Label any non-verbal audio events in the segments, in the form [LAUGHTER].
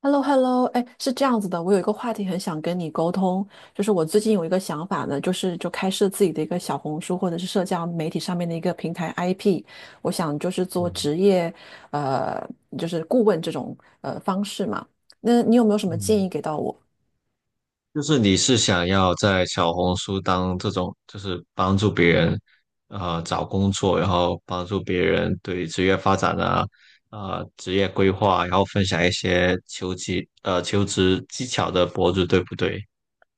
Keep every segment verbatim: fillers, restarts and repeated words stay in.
H e l l o h e l l o 哎，是这样子的，我有一个话题很想跟你沟通。就是我最近有一个想法呢，就是就开设自己的一个小红书或者是社交媒体上面的一个平台 I P。我想就是做嗯职业，呃，就是顾问这种呃方式嘛。那你有没有什么建嗯，议给到我？就是你是想要在小红书当这种，就是帮助别人，呃，找工作，然后帮助别人对职业发展啊，呃，职业规划，然后分享一些求职，呃，求职技巧的博主，对不对？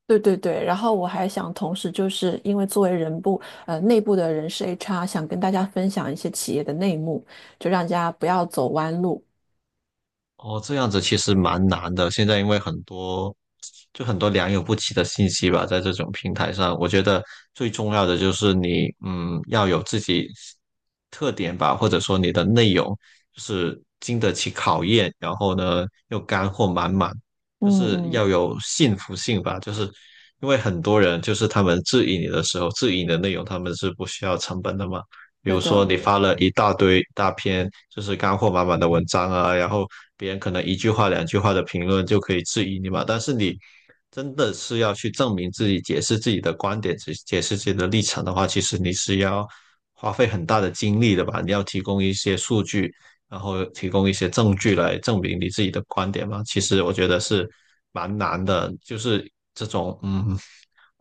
对对对，然后我还想同时就是因为作为人部呃内部的人事 H R，想跟大家分享一些企业的内幕，就让大家不要走弯路。哦，这样子其实蛮难的。现在因为很多，就很多良莠不齐的信息吧，在这种平台上，我觉得最重要的就是你，嗯，要有自己特点吧，或者说你的内容就是经得起考验，然后呢又干货满满，嗯就是嗯，要有信服性吧。就是因为很多人就是他们质疑你的时候，质疑你的内容，他们是不需要成本的嘛。比对如说的，你发了一大堆大篇就是干货满满的文章啊，然后别人可能一句话两句话的评论就可以质疑你嘛，但是你真的是要去证明自己、解释自己的观点、解解释自己的立场的话，其实你是要花费很大的精力的吧？你要提供一些数据，然后提供一些证据来证明你自己的观点嘛。其实我觉得是蛮难的，就是这种嗯，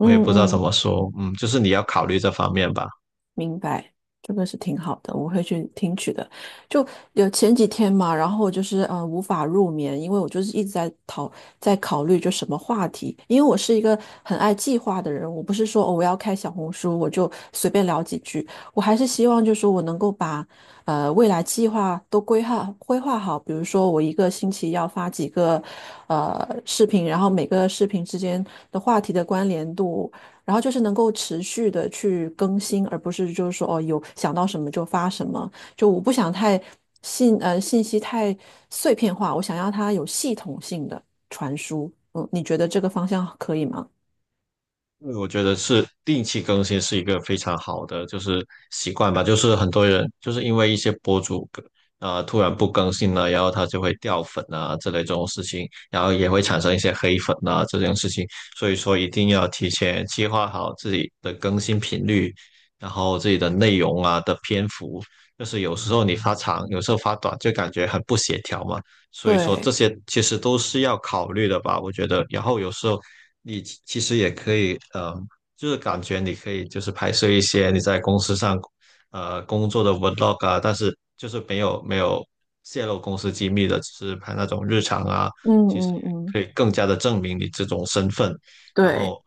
我也不知道怎嗯。么说，嗯，就是你要考虑这方面吧。明白，这个是挺好的，我会去听取的。就有前几天嘛，然后就是嗯，无法入眠，因为我就是一直在讨在考虑就什么话题。因为我是一个很爱计划的人，我不是说哦我要开小红书我就随便聊几句，我还是希望就是说我能够把呃未来计划都规划规划好。比如说我一个星期要发几个呃视频，然后每个视频之间的话题的关联度。然后就是能够持续的去更新，而不是就是说哦，有想到什么就发什么。就我不想太信呃信息太碎片化，我想要它有系统性的传输。嗯，你觉得这个方向可以吗？因为我觉得是定期更新是一个非常好的就是习惯吧，就是很多人就是因为一些博主啊呃、突然不更新了，然后他就会掉粉啊之类这种事情，然后也会产生一些黑粉啊这件事情，所以说一定要提前计划好自己的更新频率，然后自己的内容啊的篇幅，就是有时候你发长，有时候发短，就感觉很不协调嘛。所以说这对，些其实都是要考虑的吧，我觉得。然后有时候你其其实也可以，呃，就是感觉你可以就是拍摄一些你在公司上，呃，工作的 vlog 啊，但是就是没有没有泄露公司机密的，只是拍那种日常啊，嗯其实嗯也嗯，可以更加的证明你这种身份。然后，对，呃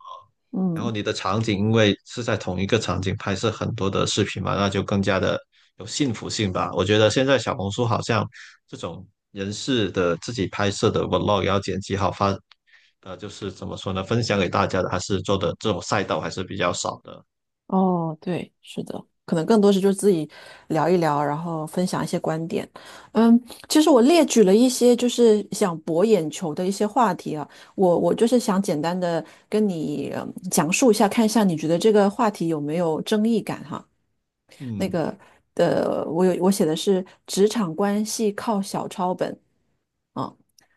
然后嗯。你的场景因为是在同一个场景拍摄很多的视频嘛，那就更加的有幸福性吧。我觉得现在小红书好像这种人事的自己拍摄的 vlog 要剪辑好发，呃，就是怎么说呢，分享给大家的，还是做的这种赛道还是比较少的。哦，对，是的，可能更多是就是自己聊一聊，然后分享一些观点。嗯，其实我列举了一些就是想博眼球的一些话题啊，我我就是想简单的跟你，嗯讲述一下，看一下你觉得这个话题有没有争议感哈。那嗯，个呃，我有我写的是职场关系靠小抄本啊，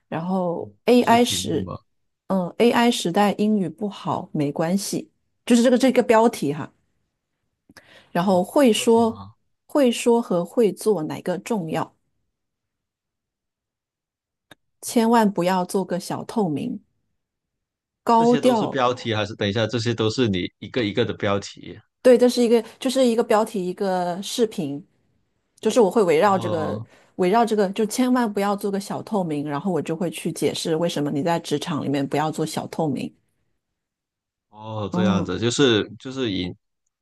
然后 这是 A I 题目吗？时，嗯，A I 时代英语不好没关系，就是这个这个标题哈。然后哦，会标题说、吗？会说和会做哪个重要？千万不要做个小透明，这高些都是调。标题，还是等一下，这些都是你一个一个的标题？对，这是一个，就是一个标题，一个视频，就是我会围绕这个，哦围绕这个，就千万不要做个小透明，然后我就会去解释为什么你在职场里面不要做小透明。哦，这样嗯，子，就是就是以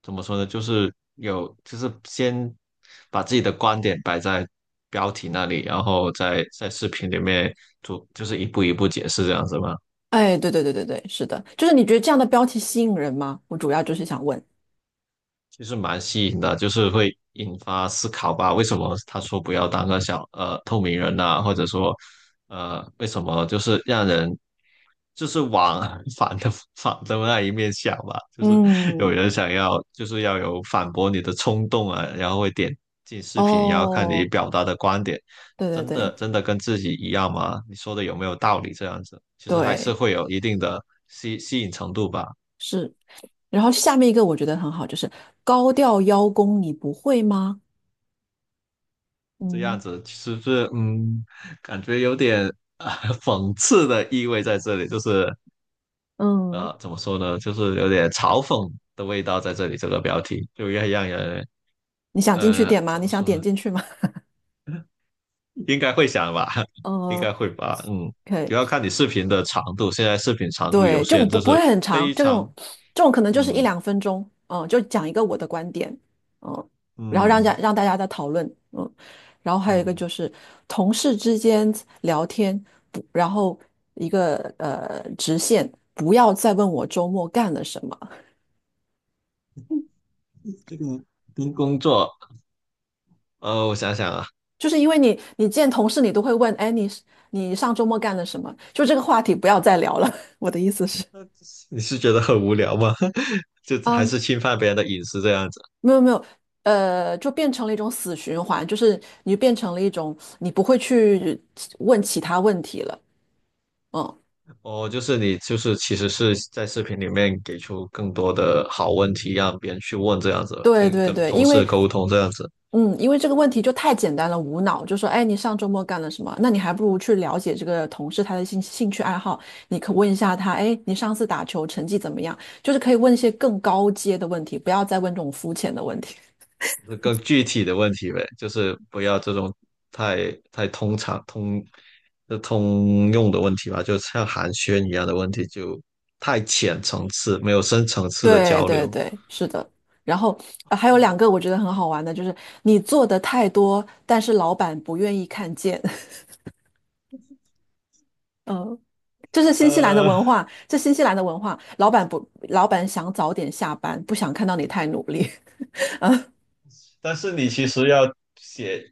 怎么说呢，就是有就是先把自己的观点摆在标题那里，然后在在视频里面做，就是一步一步解释这样子吗？哎，对对对对对，是的，就是你觉得这样的标题吸引人吗？我主要就是想问。其实蛮吸引的，就是会引发思考吧。为什么他说不要当个小呃透明人呐、或者说，呃，为什么就是让人就是往 [LAUGHS] 反的反的那一面想吧？就是有嗯，人想要就是要有反驳你的冲动啊，然后会点进视频，然后看你哦，表达的观点，对对真的对真的跟自己一样吗？你说的有没有道理？这样子其实还是对，会有一定的吸吸引程度吧。是。然后下面一个我觉得很好，就是高调邀功，你不会吗？这样嗯子是不是嗯，感觉有点啊、呃讽刺的意味在这里，就是嗯，呃怎么说呢，就是有点嘲讽的味道在这里。这个标题就要让人你想进去呃点吗？怎你么想说点呢，进去吗？[LAUGHS] 应该会想吧，嗯 [LAUGHS] 应 o 该会吧，嗯，主 k 要看你视频的长度。现在视频长度有对，就限，不就不会是很长，非这种常这种可能就是一嗯两分钟。嗯，就讲一个我的观点。嗯，然后让家嗯让大家在讨论。嗯，然后还有一个嗯，就是同事之间聊天。不，然后一个呃直线，不要再问我周末干了什么。这个跟工作呃，我想想啊，就是因为你你见同事你都会问，哎，你是你上周末干了什么？就这个话题不要再聊了。[LAUGHS] 我的意思是，你是觉得很无聊吗？[LAUGHS] 就还啊，是侵犯别人的隐私这样子？没有没有，呃，就变成了一种死循环，就是你变成了一种你不会去问其他问题了。嗯，哦，就是你，就是其实是在视频里面给出更多的好问题，让别人去问这样子，就对对跟对，同因事为沟通这样子，嗯，因为这个问题就太简单了。无脑就说，哎，你上周末干了什么？那你还不如去了解这个同事他的兴兴趣爱好，你可问一下他，哎，你上次打球成绩怎么样？就是可以问一些更高阶的问题，不要再问这种肤浅的问题。更具体的问题呗，就是不要这种太太通常通就通用的问题吧，就像寒暄一样的问题，就太浅层次，没有深层 [LAUGHS] 次的对交对流。对，是的。然后，呃还有两个 [LAUGHS] 我觉得很好玩的，就是你做的太多，但是老板不愿意看见。[LAUGHS] 嗯，这是新西兰的呃，文化，这新西兰的文化，老板不，老板想早点下班，不想看到你太努力。但是你其实要写，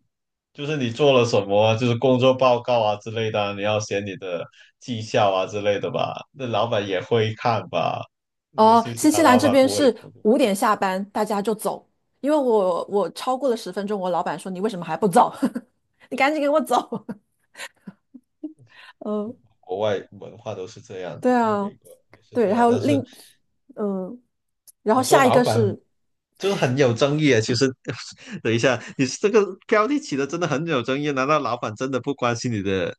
就是你做了什么啊就是工作报告啊之类的啊你要写你的绩效啊之类的吧？那老板也会看吧？那个哦，新西新西兰兰老这板边不会，是五点下班，大家就走，因为我我超过了十分钟，我老板说你为什么还不走？[LAUGHS] 你赶紧给我走。[LAUGHS] 嗯，国外文化都是这样对的，在啊，美国也是这对，还样。有但另是嗯，然后你说下一老个板是，就是很有争议啊。其实，[LAUGHS] 等一下，你这个标题起的真的很有争议啊。难道老板真的不关心你的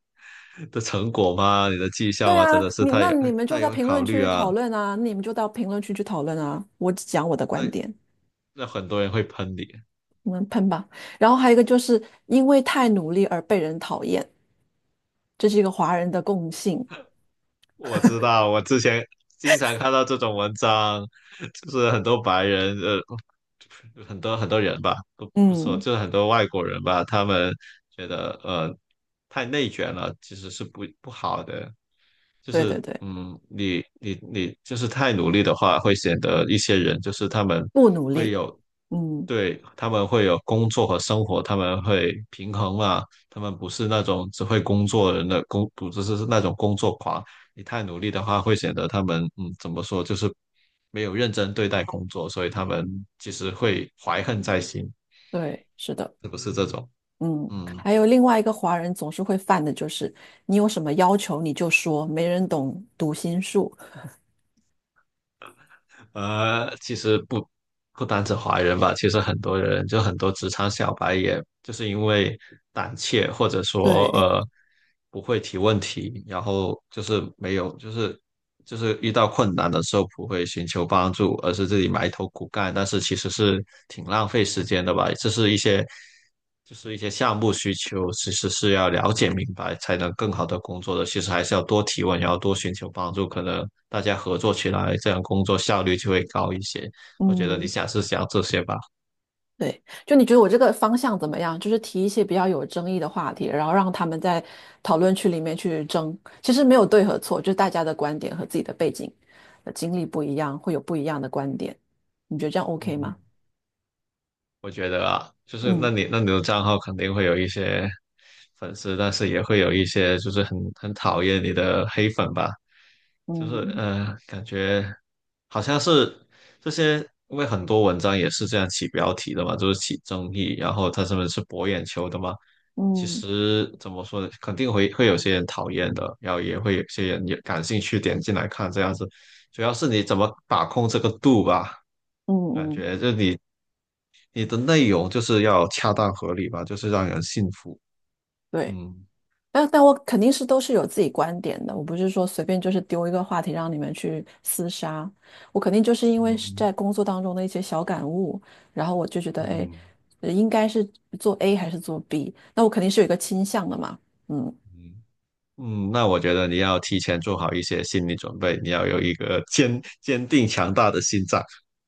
的成果吗？你的绩效对吗？啊，真的是你他那也你们他就在也会评论考虑区啊。讨论啊，你们就到评论区去讨论啊，我只讲我的观对，点，那很多人会喷你。你们喷吧。然后还有一个就是因为太努力而被人讨厌，这是一个华人的共性。我知道，我之前经常看到这种文章，就是很多白人，呃，很多很多人吧，不不说，嗯，就是很多外国人吧，他们觉得呃太内卷了，其实是不不好的。就对对是对，嗯，你你你就是太努力的话，会显得一些人就是他们不努会力，有，嗯。对，他们会有工作和生活，他们会平衡嘛，他们不是那种只会工作人的工，不是是那种工作狂。你太努力的话，会显得他们嗯怎么说，就是没有认真对待工作，所以他们其实会怀恨在心，对，是的，是不是这种？嗯，嗯，还有另外一个华人总是会犯的就是，你有什么要求你就说，没人懂读心术。呃，其实不不单指华人吧，其实很多人就很多职场小白，也就是因为胆怯或者说对，呃不会提问题，然后就是没有就是就是遇到困难的时候不会寻求帮助，而是自己埋头苦干，但是其实是挺浪费时间的吧。这是一些就是一些项目需求，其实是要了解明白才能更好的工作的。其实还是要多提问，然后多寻求帮助，可能大家合作起来，这样工作效率就会高一些。我觉得你嗯，下次想这些吧。对，就你觉得我这个方向怎么样？就是提一些比较有争议的话题，然后让他们在讨论区里面去争。其实没有对和错，就是大家的观点和自己的背景、呃经历不一样，会有不一样的观点。你觉得这样 OK 嗯，吗？我觉得啊，就是嗯那你那你的账号肯定会有一些粉丝，但是也会有一些就是很很讨厌你的黑粉吧，就是嗯呃，感觉好像是这些，因为很多文章也是这样起标题的嘛，就是起争议，然后他们是博眼球的嘛。其嗯实怎么说呢，肯定会会有些人讨厌的，然后也会有些人也感兴趣点进来看这样子，主要是你怎么把控这个度吧。嗯感嗯，觉就你你的内容就是要恰当合理吧，就是让人信服。对。嗯但但我肯定是都是有自己观点的，我不是说随便就是丢一个话题让你们去厮杀，我肯定就是因为是嗯在工作当中的一些小感悟，然后我就觉得，哎，嗯呃应该是做 A 还是做 B，那我肯定是有一个倾向的嘛。嗯，嗯嗯，那我觉得你要提前做好一些心理准备，你要有一个坚坚定强大的心脏，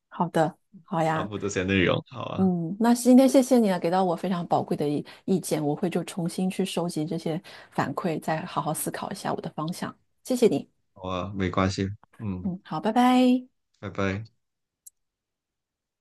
好的，好发呀，布这些内容。好啊，嗯，那今天谢谢你啊，给到我非常宝贵的意意见，我会就重新去收集这些反馈，再好好思考一下我的方向。谢谢你，好啊，没关系。嗯，嗯，好，拜拜。拜拜。